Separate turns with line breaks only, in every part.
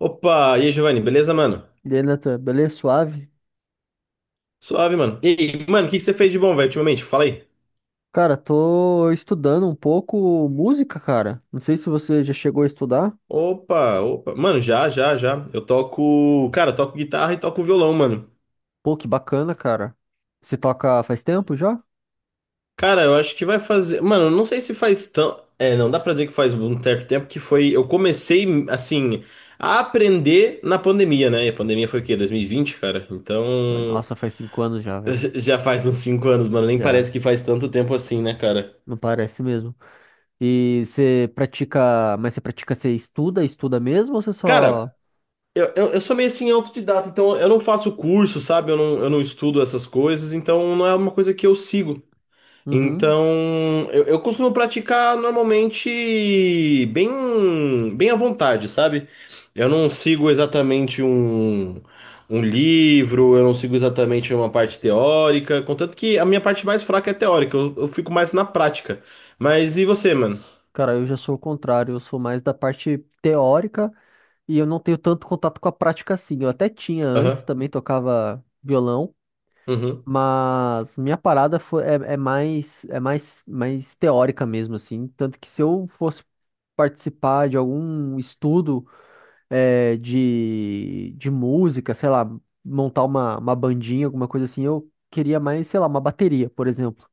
Opa, e aí, Giovanni, beleza, mano?
E aí, Natan, beleza? Suave?
Suave, mano. E aí, mano, o que que você fez de bom, velho, ultimamente? Fala aí.
Cara, tô estudando um pouco música, cara. Não sei se você já chegou a estudar.
Opa, opa. Mano, já, já, já. Eu toco. Cara, eu toco guitarra e toco violão, mano.
Pô, que bacana, cara. Você toca faz tempo já?
Cara, eu acho que vai fazer. Mano, eu não sei se faz tão. É, não dá pra dizer que faz um certo tempo que foi. Eu comecei, assim, a aprender na pandemia, né? E a pandemia foi o quê? 2020, cara?
Oi,
Então.
nossa, faz 5 anos já, velho.
Já faz uns 5 anos, mano. Nem
Já,
parece que faz tanto tempo assim, né, cara?
não parece mesmo. E você pratica, você estuda, estuda mesmo ou você
Cara,
só...
eu sou meio assim autodidata, então eu não faço curso, sabe? Eu não estudo essas coisas, então não é uma coisa que eu sigo.
Uhum.
Então eu costumo praticar normalmente bem, bem à vontade, sabe? Eu não sigo exatamente um livro, eu não sigo exatamente uma parte teórica, contanto que a minha parte mais fraca é teórica, eu fico mais na prática. Mas e você, mano?
Cara, eu já sou o contrário, eu sou mais da parte teórica e eu não tenho tanto contato com a prática assim. Eu até tinha antes,
Aham.
também tocava violão.
Uhum.
Mas minha parada foi, é mais teórica mesmo, assim. Tanto que se eu fosse participar de algum estudo, de música, sei lá, montar uma bandinha, alguma coisa assim, eu queria mais, sei lá, uma bateria, por exemplo.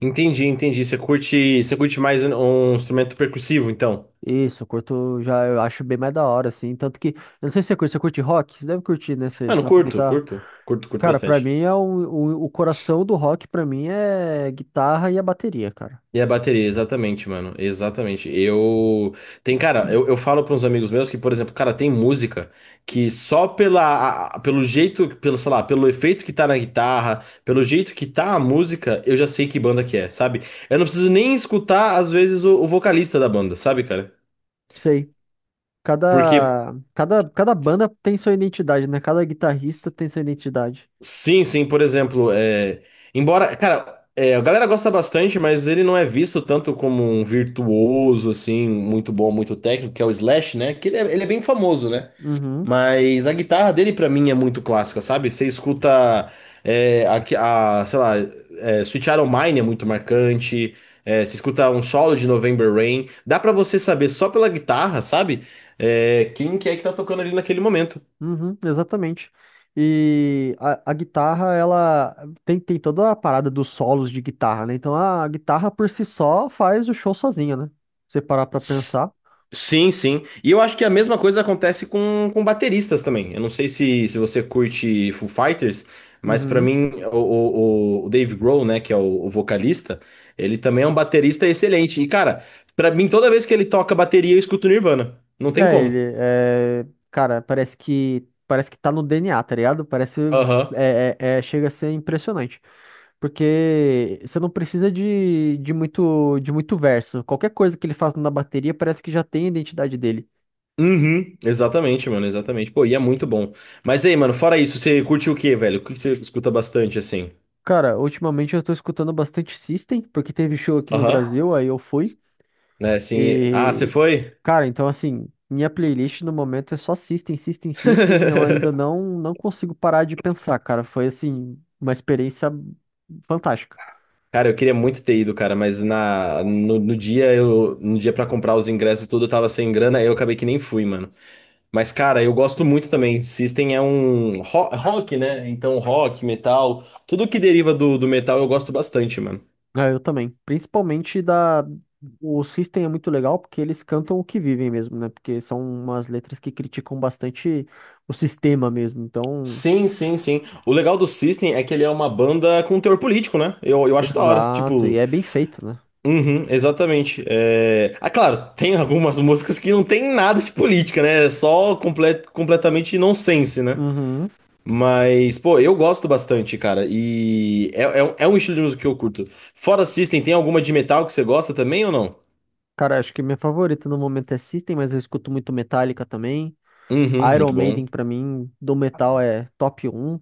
Entendi, entendi. Você curte mais um instrumento percussivo, então?
Isso, eu curto, já eu acho bem mais da hora, assim. Tanto que, eu não sei se você curte rock? Você deve curtir, né? Você
Mano,
toca
curto,
guitarra.
curto. Curto, curto
Cara, pra
bastante.
mim é o coração do rock, pra mim é guitarra e a bateria, cara.
E a bateria, exatamente, mano. Exatamente. Eu. Tem, cara, eu falo para uns amigos meus que, por exemplo, cara, tem música que só pela, pelo jeito, pelo, sei lá, pelo efeito que tá na guitarra, pelo jeito que tá a música, eu já sei que banda que é, sabe? Eu não preciso nem escutar, às vezes, o vocalista da banda, sabe, cara?
Sei.
Porque
Cada, cada banda tem sua identidade, né? Cada guitarrista tem sua identidade.
Sim, sim, por exemplo, embora, cara, a galera gosta bastante, mas ele não é visto tanto como um virtuoso, assim, muito bom, muito técnico, que é o Slash, né? Ele é bem famoso, né?
Uhum,
Mas a guitarra dele, pra mim, é muito clássica, sabe? Você escuta, é, a, que- a, sei lá, é, Sweet Child O' Mine é muito marcante, você escuta um solo de November Rain, dá pra você saber só pela guitarra, sabe? É, quem que é que tá tocando ali naquele momento.
uhum, exatamente. E a guitarra, ela tem toda a parada dos solos de guitarra, né? Então a guitarra por si só faz o show sozinha, né? Se você parar pra
S-
pensar.
Sim, sim. E eu acho que a mesma coisa acontece com bateristas também. Eu não sei se você curte Foo Fighters, mas pra
Uhum.
mim o Dave Grohl, né, que é o vocalista, ele também é um baterista excelente. E cara, pra mim toda vez que ele toca bateria eu escuto Nirvana. Não tem
É,
como.
ele é. Cara, parece que tá no DNA, tá ligado? Parece.
Aham.
Chega a ser impressionante. Porque você não precisa de muito verso. Qualquer coisa que ele faz na bateria parece que já tem a identidade dele.
Uhum, exatamente, mano, exatamente. Pô, e é muito bom. Mas aí, mano, fora isso, você curte o quê, velho? O que que você escuta bastante assim?
Cara, ultimamente eu tô escutando bastante System, porque teve show aqui no
Aham.
Brasil, aí eu fui.
É, assim. Ah, você
E,
foi?
cara, então assim, minha playlist no momento é só System, System, System. Eu ainda não consigo parar de pensar, cara. Foi assim, uma experiência fantástica.
Cara, eu queria muito ter ido, cara, mas na, no, no dia no dia para comprar os ingressos e tudo, eu tava sem grana, aí eu acabei que nem fui, mano. Mas, cara, eu gosto muito também. System é um rock, né? Então, rock, metal, tudo que deriva do, do metal eu gosto bastante, mano.
É, eu também. Principalmente da. O System é muito legal porque eles cantam o que vivem mesmo, né? Porque são umas letras que criticam bastante o sistema mesmo. Então,
Sim, sim, sim. O legal do System é que ele é uma banda com teor político, né? Eu acho da hora.
exato. E
Tipo,
é bem feito, né?
uhum, exatamente. É... Ah, claro, tem algumas músicas que não tem nada de política, né? É só completamente nonsense, né?
Uhum.
Mas, pô, eu gosto bastante, cara. É um estilo de música que eu curto. Fora System, tem alguma de metal que você gosta também ou não?
Cara, acho que minha favorita no momento é System, mas eu escuto muito Metallica também.
Uhum,
Iron
muito
Maiden,
bom.
pra mim, do metal é top um.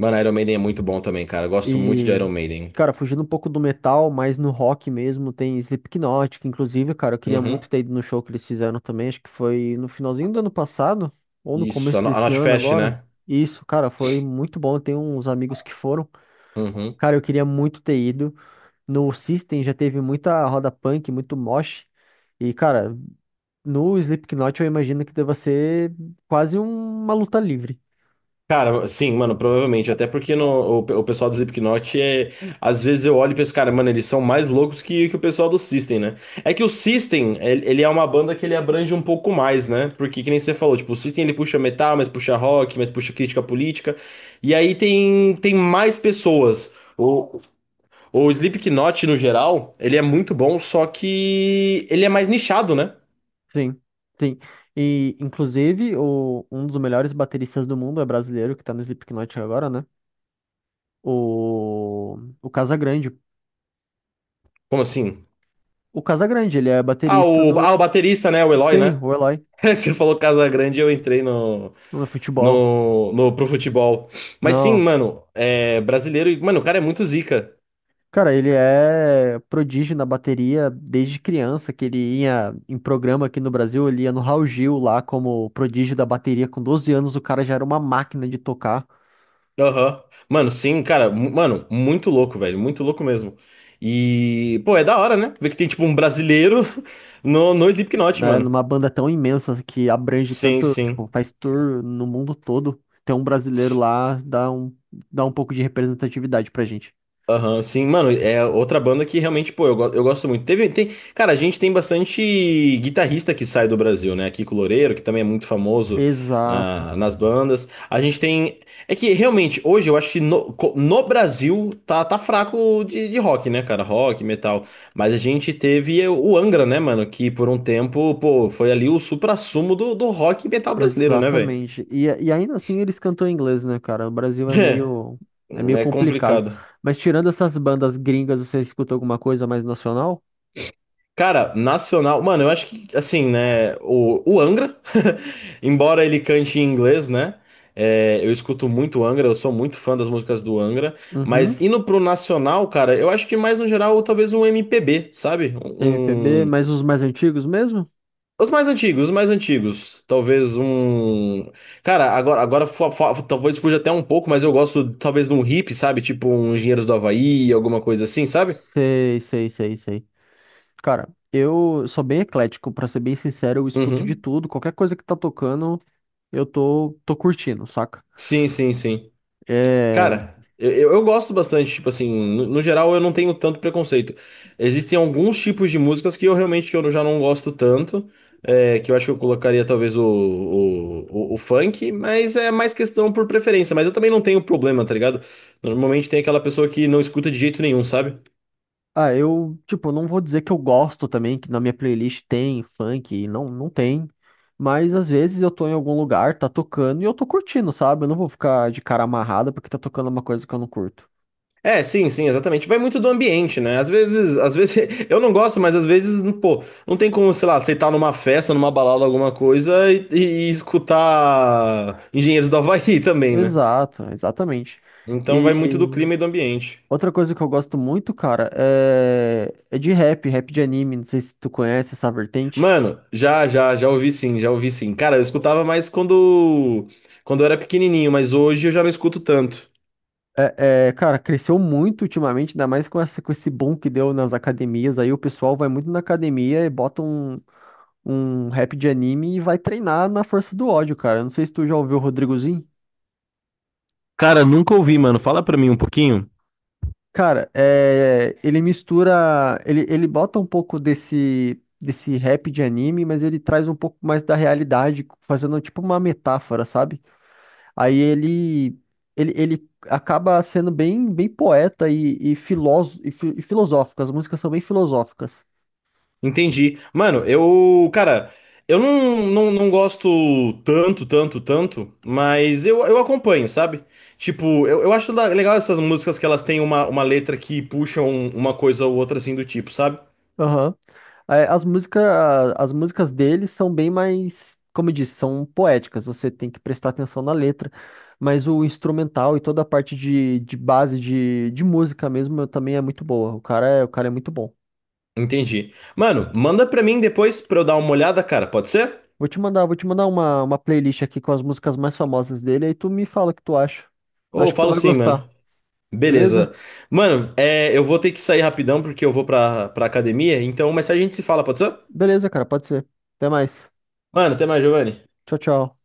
Mano, Iron Maiden é muito bom também, cara. Eu gosto muito de
E,
Iron Maiden.
cara, fugindo um pouco do metal, mas no rock mesmo, tem Slipknot, que inclusive, cara, eu queria muito
Uhum.
ter ido no show que eles fizeram também. Acho que foi no finalzinho do ano passado, ou no
Isso,
começo
No- a
desse
Not
ano
Fast,
agora.
né?
Isso, cara, foi muito bom. Eu tenho uns amigos que foram.
Uhum.
Cara, eu queria muito ter ido. No System já teve muita roda punk, muito mosh. E, cara, no Slipknot eu imagino que deva ser quase uma luta livre.
Cara, sim, mano, provavelmente. Até porque no, o, pe- o pessoal do Slipknot é. Às vezes eu olho e penso, cara, mano, eles são mais loucos que o pessoal do System, né? É que o System, ele é uma banda que ele abrange um pouco mais, né? Porque, que nem você falou, tipo, o System ele puxa metal, mas puxa rock, mas puxa crítica política. E aí tem, tem mais pessoas. O, o Slipknot, no geral, ele é muito bom, só que ele é mais nichado, né?
Sim, sim. E, inclusive, um dos melhores bateristas do mundo é brasileiro, que tá no Slipknot agora, né? O Casagrande.
Como assim?
O Casagrande, ele é
Ah,
baterista do.
o baterista, né? O Eloy,
Sim,
né?
o Eloy,
Você falou Casa Grande, eu entrei no.
no futebol.
No, pro futebol. Mas sim,
Não.
mano, é brasileiro e, mano, o cara é muito zica.
Cara, ele é prodígio na bateria desde criança, que ele ia em programa aqui no Brasil, ele ia no Raul Gil lá como prodígio da bateria. Com 12 anos, o cara já era uma máquina de tocar.
Aham. Mano, sim, cara, mano, muito louco, velho, muito louco mesmo. E, pô, é da hora, né? Ver que tem, tipo, um brasileiro no Slipknot,
Né,
mano.
numa banda tão imensa que abrange
Sim,
tanto, tipo,
sim.
faz tour no mundo todo, ter um brasileiro lá dá um pouco de representatividade pra gente.
Aham, sim, mano, é outra banda que realmente, pô, eu gosto muito. Cara, a gente tem bastante guitarrista que sai do Brasil, né? Kiko Loureiro, que também é muito famoso
Exato,
nas bandas. A gente tem. É que realmente, hoje eu acho que no Brasil tá, tá fraco de rock, né, cara? Rock, metal. Mas a gente teve o Angra, né, mano? Que por um tempo, pô, foi ali o suprassumo do, do rock e metal brasileiro, né, velho?
exatamente. E ainda assim eles cantam em inglês, né, cara? O Brasil é
É,
meio
é
complicado.
complicado.
Mas tirando essas bandas gringas, você escuta alguma coisa mais nacional?
Cara, nacional. Mano, eu acho que, assim, né? O Angra, embora ele cante em inglês, né? É, eu escuto muito Angra, eu sou muito fã das músicas do Angra. Mas
Uhum,
indo pro nacional, cara, eu acho que mais no geral, talvez um MPB, sabe?
MPB, mas os mais antigos mesmo?
Os mais antigos, os mais antigos. Talvez um. Cara, agora, talvez fuja até um pouco, mas eu gosto talvez de um hip, sabe? Tipo um Engenheiros do Havaí, alguma coisa assim, sabe?
Sei, sei, sei, sei. Cara, eu sou bem eclético, pra ser bem sincero, eu escuto de
Uhum.
tudo, qualquer coisa que tá tocando, eu tô curtindo, saca?
Sim, sim, sim.
É.
Cara, eu gosto bastante, tipo assim, no geral eu não tenho tanto preconceito. Existem alguns tipos de músicas que eu realmente que eu já não gosto tanto, que eu acho que eu colocaria talvez o funk, mas é mais questão por preferência. Mas eu também não tenho problema, tá ligado? Normalmente tem aquela pessoa que não escuta de jeito nenhum, sabe?
Ah, eu, tipo, não vou dizer que eu gosto também, que na minha playlist tem funk, não, não tem. Mas às vezes eu tô em algum lugar, tá tocando e eu tô curtindo, sabe? Eu não vou ficar de cara amarrada porque tá tocando uma coisa que eu não curto.
É, sim, sim, exatamente. Vai muito do ambiente, né? Às vezes eu não gosto, mas às vezes, pô, não tem como, sei lá, aceitar numa festa, numa balada, alguma coisa e escutar Engenheiros do Havaí também, né?
Exato, exatamente.
Então vai muito do
E
clima e do ambiente.
outra coisa que eu gosto muito, cara, é de rap, rap de anime. Não sei se tu conhece essa vertente.
Mano, já ouvi sim, já ouvi sim. Cara, eu escutava mais quando eu era pequenininho, mas hoje eu já não escuto tanto.
É, é, cara, cresceu muito ultimamente, ainda mais com esse boom que deu nas academias. Aí o pessoal vai muito na academia e bota um rap de anime e vai treinar na força do ódio, cara. Eu não sei se tu já ouviu o Rodrigozinho.
Cara, nunca ouvi, mano. Fala pra mim um pouquinho.
Cara, ele mistura. Ele bota um pouco desse rap de anime, mas ele traz um pouco mais da realidade, fazendo tipo uma metáfora, sabe? Aí ele acaba sendo bem poeta e filosófico. As músicas são bem filosóficas.
Entendi. Mano, eu, cara, eu não, não, não gosto tanto, mas eu acompanho, sabe? Tipo, eu acho legal essas músicas que elas têm uma letra que puxam uma coisa ou outra assim do tipo, sabe?
Aham. É, as músicas dele são bem mais, como eu disse, são poéticas. Você tem que prestar atenção na letra. Mas o instrumental e toda a parte de base de música mesmo também é muito boa. O cara é muito bom.
Entendi. Mano, manda pra mim depois pra eu dar uma olhada, cara, pode ser?
Vou te mandar uma playlist aqui com as músicas mais famosas dele, aí tu me fala o que tu acha.
Ou eu
Acho que tu
falo
vai
sim,
gostar,
mano.
beleza?
Beleza. Mano, é, eu vou ter que sair rapidão porque eu vou pra academia, então mais tarde a gente se fala, pode ser?
Beleza, cara, pode ser. Até mais.
Mano, até mais, Giovanni.
Tchau, tchau.